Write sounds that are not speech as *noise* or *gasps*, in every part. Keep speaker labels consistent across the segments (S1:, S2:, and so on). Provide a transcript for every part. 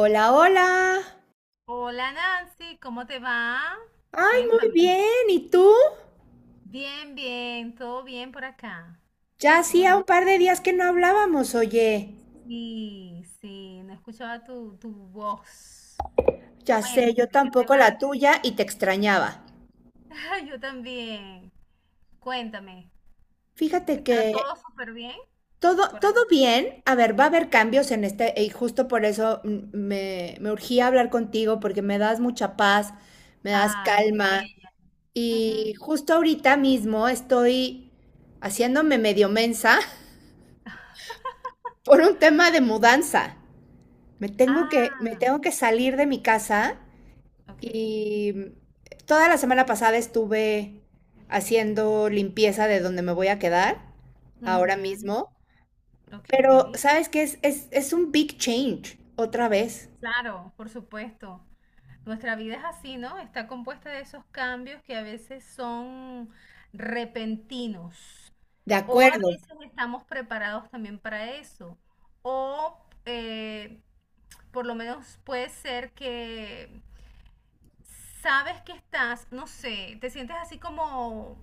S1: Hola, hola.
S2: Hola Nancy, ¿cómo te va?
S1: Ay, muy
S2: Cuéntame.
S1: bien. ¿Y tú?
S2: Bien, bien, todo bien por acá.
S1: Ya
S2: Todo
S1: hacía un par
S2: tranquilo.
S1: de días que no hablábamos, oye.
S2: Sí, sí, no escuchaba tu voz.
S1: Ya sé, yo
S2: Cuéntame, ¿qué te
S1: tampoco la
S2: va?
S1: tuya y te extrañaba.
S2: *laughs* Yo también. Cuéntame.
S1: Fíjate que
S2: ¿Está todo súper bien
S1: todo,
S2: por allá?
S1: todo bien. A ver, va a haber cambios en este, y justo por eso me urgía hablar contigo, porque me das mucha paz, me das
S2: Ay,
S1: calma.
S2: bella. Ujú.
S1: Y justo ahorita mismo estoy haciéndome medio mensa
S2: *laughs*
S1: *laughs* por un tema de mudanza. Me tengo que, me
S2: Ah,
S1: tengo que salir de mi casa.
S2: ok.
S1: Y toda la semana pasada estuve haciendo limpieza de donde me voy a quedar ahora
S2: Ujú,
S1: mismo,
S2: ok.
S1: pero sabes que es un big change otra vez.
S2: Claro, por supuesto. Nuestra vida es así, ¿no? Está compuesta de esos cambios que a veces son repentinos
S1: De
S2: o a
S1: acuerdo.
S2: veces estamos preparados también para eso o eh, por lo menos puede ser que sabes que estás, no sé, te sientes así como,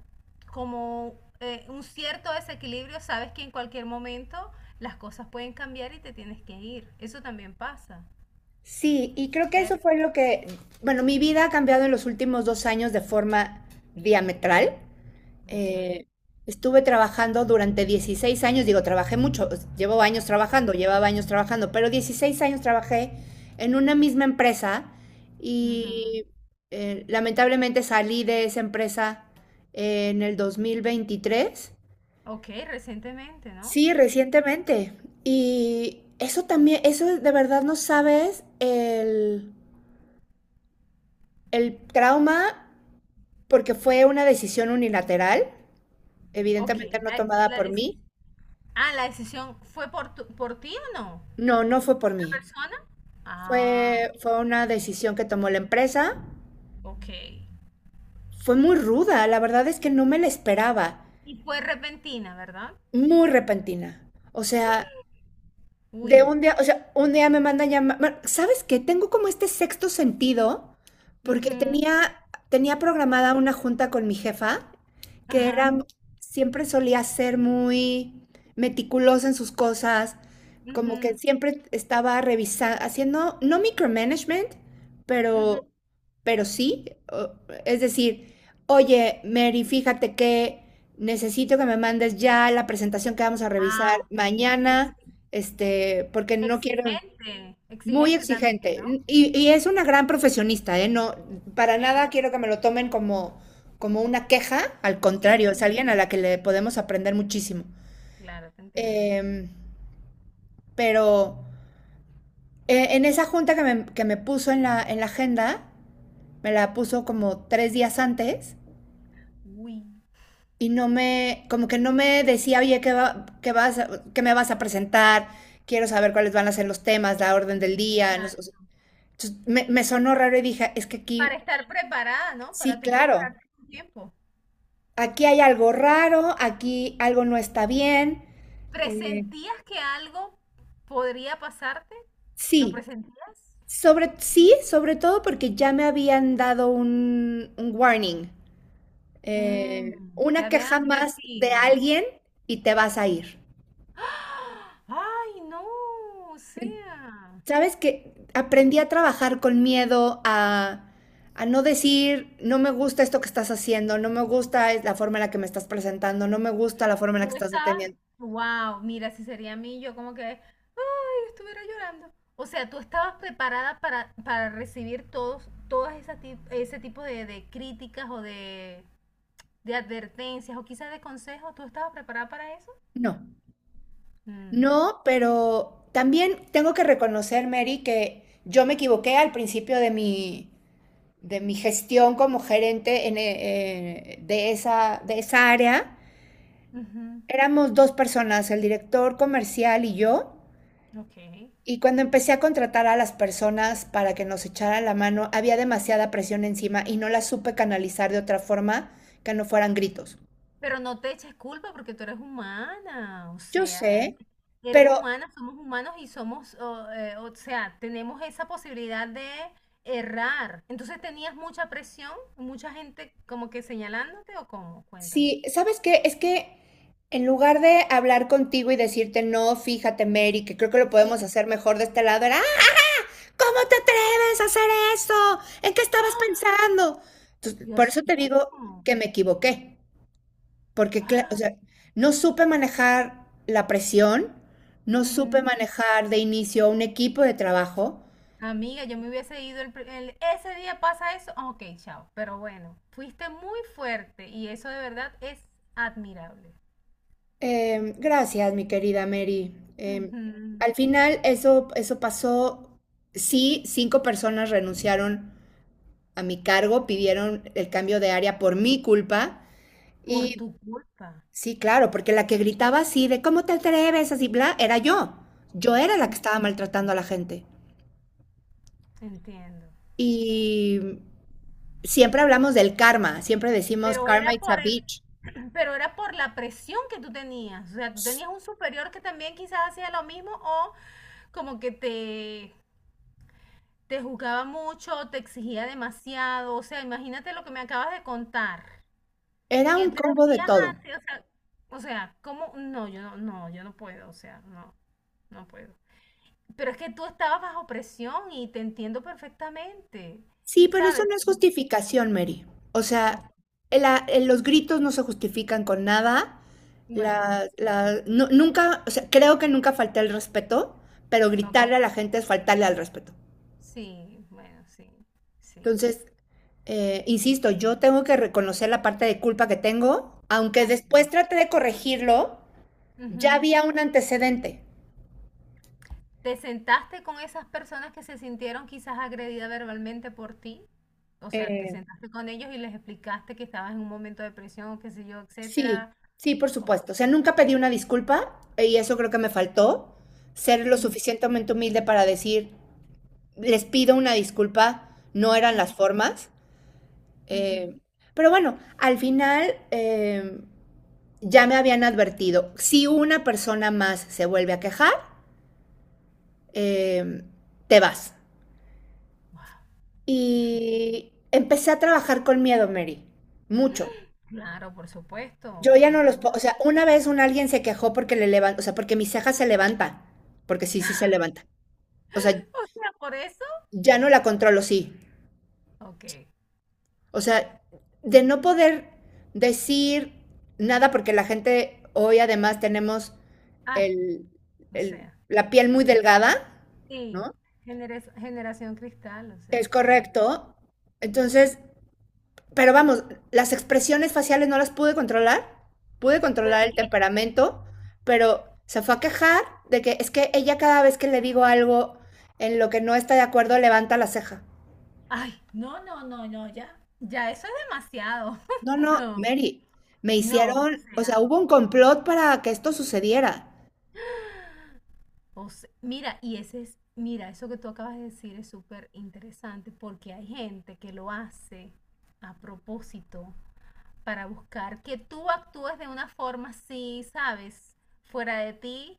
S2: como un cierto desequilibrio, sabes que en cualquier momento las cosas pueden cambiar y te tienes que ir. Eso también pasa.
S1: Sí, y creo que eso
S2: ¿Cierto?
S1: fue lo que, bueno, mi vida ha cambiado en los últimos 2 años de forma diametral.
S2: Ok.
S1: Eh, Estuve trabajando durante 16 años, digo, trabajé mucho, llevo años trabajando, llevaba años trabajando, pero 16 años trabajé en una misma empresa
S2: Ujú.
S1: y lamentablemente salí de esa empresa en el 2023.
S2: Ok, recientemente, ¿no?
S1: Sí, recientemente. Y eso también, eso de verdad no sabes el trauma, porque fue una decisión unilateral,
S2: Ok,
S1: evidentemente no tomada por mí.
S2: ah, ¿la decisión fue por, por ti o no?
S1: No, no fue por
S2: ¿La
S1: mí.
S2: persona? Ah,
S1: Fue una decisión que tomó la empresa.
S2: ok.
S1: Fue muy ruda, la verdad es que no me la esperaba.
S2: Y fue repentina, ¿verdad?
S1: Muy repentina. O sea, de
S2: Uy.
S1: un día, o sea, un día me mandan llamar. ¿Sabes qué? Tengo como este sexto sentido, porque
S2: Ujú,
S1: tenía, tenía programada una junta con mi jefa, que era,
S2: ajá,
S1: siempre solía ser muy meticulosa en sus cosas, como que
S2: ujú,
S1: siempre estaba revisando, haciendo, no micromanagement,
S2: ujú.
S1: pero, pero sí. o- Es decir, oye, Mary, fíjate que necesito que me mandes ya la presentación que vamos a
S2: Ah,
S1: revisar
S2: ok. Ex-
S1: mañana, este, porque no quiero,
S2: Exigente,
S1: muy
S2: exigente también,
S1: exigente.
S2: ¿no?
S1: Y es una gran profesionista, ¿eh? No, para
S2: Ok.
S1: nada quiero que me lo tomen como, como una queja, al
S2: Sí,
S1: contrario, es
S2: sí,
S1: alguien a la que le podemos aprender muchísimo.
S2: claro, te entiendo.
S1: Em, pero en esa junta que me puso en la agenda, me la puso como 3 días antes
S2: Uy,
S1: y no me, como que no me decía, oye, ¿ qué me vas a presentar? Quiero saber cuáles van a ser los temas, la orden del día, no sé.
S2: exacto.
S1: Entonces, me sonó raro y dije, es que
S2: Para
S1: aquí,
S2: estar preparada, ¿no? Para
S1: sí,
S2: tú
S1: claro,
S2: prepararte con tiempo.
S1: aquí hay algo raro, aquí algo no está bien. Eh,
S2: ¿Presentías que algo podría pasarte? ¿Lo
S1: sí,
S2: presentías?
S1: sobre todo porque ya me habían dado un warning,
S2: Mm, te
S1: una
S2: habían
S1: queja más de
S2: advertido.
S1: alguien y te vas a ir.
S2: ¡Ah! ¡Ay, no! O sea,
S1: Sabes que aprendí a trabajar con miedo a no decir, no me gusta esto que estás haciendo, no me gusta la forma en la que me estás presentando, no me gusta la forma en la que
S2: tú
S1: estás
S2: estabas,
S1: atendiendo.
S2: wow, mira, si sería a mí, yo como que, ay, estuviera llorando. O sea, tú estabas preparada para recibir todos, todas esas ese tipo de críticas o de advertencias o quizás de consejos. ¿Tú estabas preparada para eso?
S1: No.
S2: Ujú,
S1: No, pero también tengo que reconocer, Mary, que yo me equivoqué al principio de mi gestión como gerente de esa área.
S2: ujú,
S1: Éramos dos personas, el director comercial y yo.
S2: ok.
S1: Y cuando empecé a contratar a las personas para que nos echaran la mano, había demasiada presión encima y no la supe canalizar de otra forma que no fueran gritos.
S2: Pero no te eches culpa porque tú eres humana, o
S1: Yo
S2: sea, eres,
S1: sé,
S2: eres
S1: pero
S2: humana, somos humanos y somos, o sea, tenemos esa posibilidad de errar. Entonces tenías mucha presión, mucha gente como que señalándote o cómo, cuéntame.
S1: sí, ¿sabes qué? Es que en lugar de hablar contigo y decirte, no, fíjate, Mary, que creo que lo podemos
S2: Sí.
S1: hacer mejor de este lado, era, "Ah, ¿cómo te atreves a hacer eso? ¿En qué
S2: *gasps*
S1: estabas
S2: ¡Ah!
S1: pensando?" Entonces, por
S2: Dios
S1: eso te
S2: mío.
S1: digo que me equivoqué, porque, o
S2: ¡Ah!
S1: sea, no supe manejar la presión, no supe
S2: Ujú.
S1: manejar de inicio un equipo de trabajo.
S2: Amiga, yo me hubiese ido ese día pasa eso, ah, ok, chao. Pero bueno, fuiste muy fuerte y eso de verdad es admirable.
S1: Gracias, mi querida Mary. Al final eso pasó. Sí, 5 personas renunciaron a mi cargo, pidieron el cambio de área por mi culpa.
S2: Por
S1: Y
S2: tu culpa.
S1: sí, claro, porque la que gritaba así de ¿cómo te atreves? Así, bla, era yo. Yo era la que
S2: Mm,
S1: estaba maltratando a la gente.
S2: entiendo.
S1: Y siempre hablamos del karma, siempre decimos
S2: Pero
S1: karma
S2: era
S1: it's a
S2: por
S1: bitch.
S2: *clears throat* pero era por la presión que tú tenías. O sea, tú tenías un superior que también quizás hacía lo mismo o como que te juzgaba mucho, te exigía demasiado. O sea, imagínate lo que me acabas de contar.
S1: Era
S2: Que
S1: un
S2: tres
S1: combo de
S2: días
S1: todo.
S2: antes, o sea, ¿cómo? No, yo no, no, yo no puedo, o sea, no, no puedo. Pero es que tú estabas bajo presión y te entiendo perfectamente,
S1: Sí, pero eso
S2: ¿sabes?
S1: no es justificación, Mary. O
S2: Ok,
S1: sea, los gritos no se justifican con nada.
S2: bueno, sí.
S1: Nunca, o sea, creo que nunca falté al respeto, pero
S2: Ok.
S1: gritarle a la gente es faltarle al respeto.
S2: Sí, bueno, sí. Sí.
S1: Entonces, insisto, yo tengo que reconocer la parte de culpa que tengo, aunque
S2: Ok.
S1: después trate de corregirlo, ya
S2: Ujú.
S1: había un antecedente.
S2: ¿Te sentaste con esas personas que se sintieron quizás agredidas verbalmente por ti? O sea, ¿te sentaste con ellos y les explicaste que estabas en un momento de presión o qué sé yo,
S1: Sí,
S2: etcétera?
S1: sí, por
S2: Ok.
S1: supuesto. O sea, nunca pedí una disculpa y eso creo que me faltó, ser lo
S2: Ujú,
S1: suficientemente humilde para decir, les pido una disculpa, no eran
S2: ujú,
S1: las formas. Eh,
S2: ujú.
S1: pero bueno, al final ya me habían advertido, si una persona más se vuelve a quejar, eh, te vas.
S2: Wow, qué fuerte.
S1: Y empecé a trabajar con miedo, Mary, mucho.
S2: Claro, por supuesto.
S1: Yo ya no los
S2: Hasta
S1: puedo, o
S2: yo.
S1: sea, una vez un alguien se quejó porque le levanta, o sea, porque mi ceja se levanta, porque sí, sí se levanta. O sea,
S2: *laughs* O sea, por eso.
S1: ya no la controlo, sí.
S2: Ok.
S1: O sea, de no poder decir nada porque la gente hoy además tenemos
S2: Ay,
S1: el,
S2: o sea.
S1: la piel muy
S2: Ah,
S1: delgada,
S2: sí.
S1: ¿no?
S2: Generación cristal, o sea,
S1: Es
S2: tú sabes.
S1: correcto. Entonces, pero vamos, las expresiones faciales no las pude
S2: Pero
S1: controlar
S2: es
S1: el
S2: que
S1: temperamento, pero se fue a quejar de que es que ella cada vez que le digo algo en lo que no está de acuerdo levanta la ceja.
S2: ay, no, no, no, no, ya, ya eso es demasiado.
S1: No,
S2: *laughs*
S1: no,
S2: No,
S1: Mary, me
S2: no, o
S1: hicieron, o sea,
S2: sea,
S1: hubo un complot para que esto sucediera.
S2: mira, y ese es, mira, eso que tú acabas de decir es súper interesante porque hay gente que lo hace a propósito para buscar que tú actúes de una forma así, ¿sabes? Fuera de ti.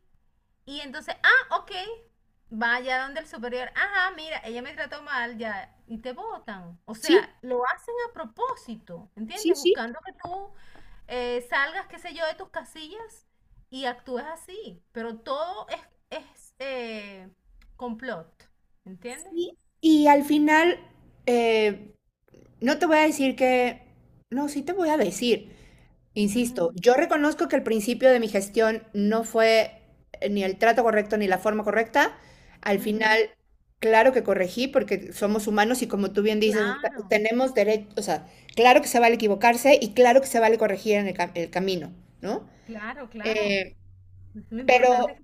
S2: Y entonces, ah, ok, vaya donde el superior, ajá, mira, ella me trató mal, ya, y te botan. O
S1: Sí,
S2: sea, lo hacen a propósito,
S1: sí,
S2: ¿entiendes?
S1: sí,
S2: Buscando que tú salgas, qué sé yo, de tus casillas y actúes así. Pero todo es complot, ¿entiendes?
S1: sí. Y al final, eh, no te voy a decir que, no, sí te voy a decir, insisto,
S2: Ujú,
S1: yo reconozco que el principio de mi gestión no fue ni el trato correcto ni la forma correcta. Al
S2: ujú.
S1: final, claro que corregí porque somos humanos y como tú bien dices,
S2: Claro,
S1: tenemos derecho, o sea, claro que se vale equivocarse y claro que se vale corregir en el camino, ¿no?
S2: claro, claro.
S1: Eh,
S2: Lo
S1: pero
S2: importante es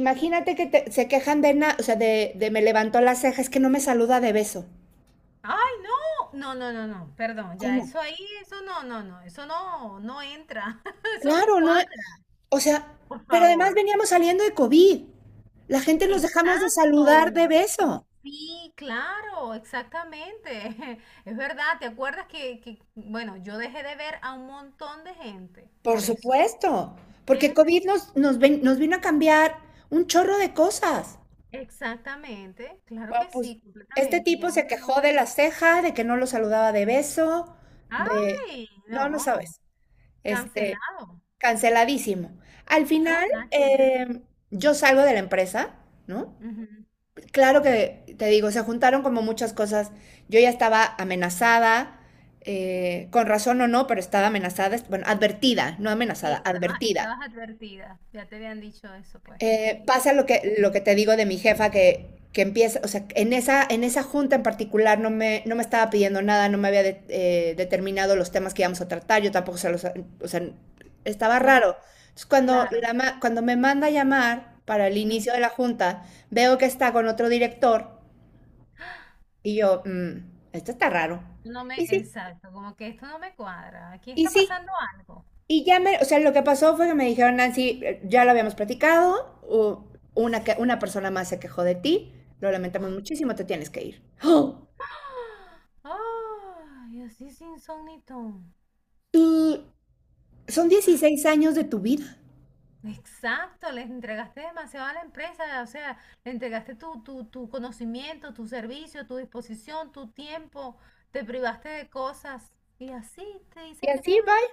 S1: imagínate que se quejan o sea, de me levantó las cejas, es que no me saluda de beso.
S2: ay, no, no, no, no, no, perdón, ya,
S1: ¿Cómo?
S2: eso ahí, eso no, no, no, eso no, no entra, *laughs* eso no
S1: Claro, no,
S2: cuadra,
S1: o sea,
S2: por
S1: pero además
S2: favor.
S1: veníamos saliendo de COVID. La gente nos dejamos de saludar de
S2: Exacto,
S1: beso,
S2: sí, claro, exactamente, *laughs* es verdad, ¿te acuerdas que, bueno, yo dejé de ver a un montón de gente
S1: por
S2: por eso,
S1: supuesto, porque
S2: ¿entiendes?
S1: COVID nos vino a cambiar un chorro de cosas.
S2: Exactamente, claro
S1: Bueno,
S2: que
S1: pues
S2: sí,
S1: este
S2: completamente,
S1: tipo
S2: ya
S1: se
S2: uno
S1: quejó de
S2: no.
S1: la ceja, de que no lo saludaba de beso, de...
S2: Ay,
S1: no, no
S2: no,
S1: sabes. Este,
S2: cancelado,
S1: canceladísimo. Al
S2: no,
S1: final,
S2: nada que
S1: yo salgo de la empresa, ¿no?
S2: ver.
S1: Claro que te digo, se juntaron como muchas cosas. Yo ya estaba amenazada, con razón o no, pero estaba amenazada, bueno, advertida, no amenazada,
S2: Sí, estabas,
S1: advertida.
S2: estabas advertida, ya te habían dicho eso, pues. Y
S1: Pasa
S2: es-
S1: lo que te digo de mi jefa que empieza, o sea, en esa junta en particular no me, no me estaba pidiendo nada, no me había determinado los temas que íbamos a tratar, yo tampoco se los, o sea, estaba
S2: no,
S1: raro. Entonces, cuando,
S2: claro,
S1: la ma- cuando me manda a llamar para el
S2: ujú,
S1: inicio de la junta, veo que está con otro director. Y yo, esto está raro.
S2: no me,
S1: Y sí,
S2: exacto, como que esto no me cuadra, aquí
S1: y
S2: está
S1: sí.
S2: pasando algo.
S1: Y ya me, o sea, lo que pasó fue que me dijeron, Nancy, ya lo habíamos platicado, una persona más se quejó de ti, lo lamentamos muchísimo, te tienes que ir. ¡Oh!
S2: ¡Ah! Ay, así sin son ni ton.
S1: Y son 16 años de tu vida.
S2: Exacto, les entregaste demasiado a la empresa, o sea, le entregaste tu, tu, tu conocimiento, tu servicio, tu disposición, tu tiempo, te privaste de cosas y así te
S1: Y
S2: dicen que te
S1: así,
S2: vayas.
S1: bye.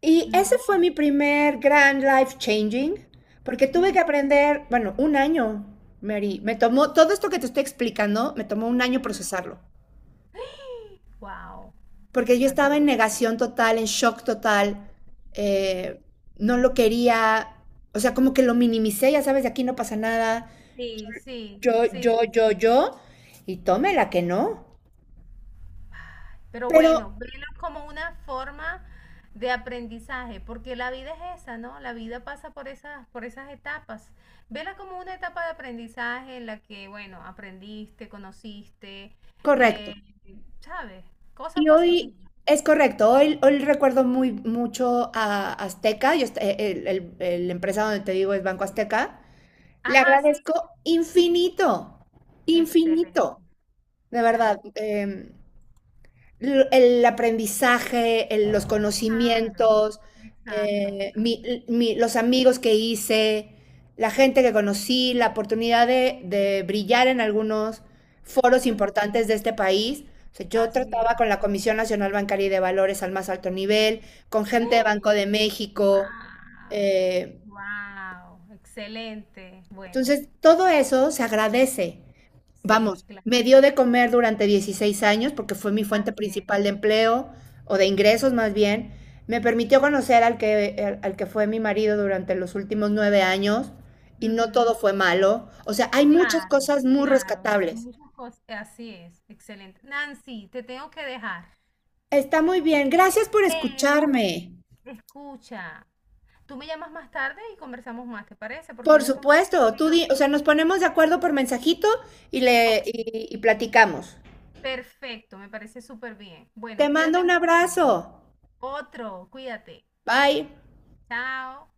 S1: Y ese
S2: No.
S1: fue mi primer gran life changing, porque tuve que
S2: Ujú,
S1: aprender, bueno, un año, Mary. Me tomó, todo esto que te estoy explicando, me tomó un año
S2: ujú.
S1: procesarlo.
S2: Wow,
S1: Porque yo
S2: bastante.
S1: estaba en negación total, en shock total, eh, no lo quería, o sea, como que lo minimicé, ya sabes, de aquí no pasa nada,
S2: Sí, sí,
S1: yo,
S2: sí,
S1: yo,
S2: sí,
S1: yo,
S2: sí.
S1: yo, y tómela que no,
S2: Pero
S1: pero
S2: bueno, velo como una forma de aprendizaje, porque la vida es esa, ¿no? La vida pasa por esas etapas. Vela como una etapa de aprendizaje en la que, bueno, aprendiste, conociste,
S1: correcto.
S2: eh, ¿sabes? Cosas
S1: Y hoy
S2: positivas.
S1: es correcto, hoy recuerdo muy mucho a Azteca, yo, est- el empresa donde te digo es Banco Azteca, le
S2: Ajá, sí.
S1: agradezco infinito, infinito,
S2: Excelente,
S1: de verdad.
S2: claro.
S1: El aprendizaje, los
S2: Claro,
S1: conocimientos,
S2: exacto,
S1: eh,
S2: exacto.
S1: mi- los amigos que hice, la gente que conocí, la oportunidad de brillar en algunos foros
S2: Ujú,
S1: importantes de este país. O sea, yo
S2: así es.
S1: trataba con la Comisión Nacional Bancaria y de Valores al más alto nivel, con gente de
S2: *gasps*
S1: Banco de México.
S2: ¡Wow!
S1: eh,
S2: Wow, excelente. Bueno,
S1: entonces, todo eso se agradece.
S2: sí,
S1: Vamos,
S2: claro,
S1: me dio de comer durante 16 años porque fue mi fuente
S2: así es.
S1: principal de empleo o de ingresos más bien. Me permitió conocer al que fue mi marido durante los últimos 9 años y no
S2: Ujú,
S1: todo fue malo. O sea, hay muchas
S2: claro,
S1: cosas muy
S2: claro,
S1: rescatables.
S2: muchas cosas, así es, excelente. Nancy, te tengo que dejar,
S1: Está muy bien. Gracias por
S2: pero
S1: escucharme.
S2: escucha, tú me llamas más tarde y conversamos más, ¿te parece? Porque
S1: Por
S2: en estos momentos
S1: supuesto,
S2: voy a...
S1: o sea, nos ponemos de acuerdo por mensajito y le
S2: Ok,
S1: y platicamos.
S2: perfecto, me parece súper bien.
S1: Te
S2: Bueno,
S1: mando
S2: cuídate
S1: un
S2: mucho.
S1: abrazo.
S2: Otro, cuídate.
S1: Bye.
S2: Chao.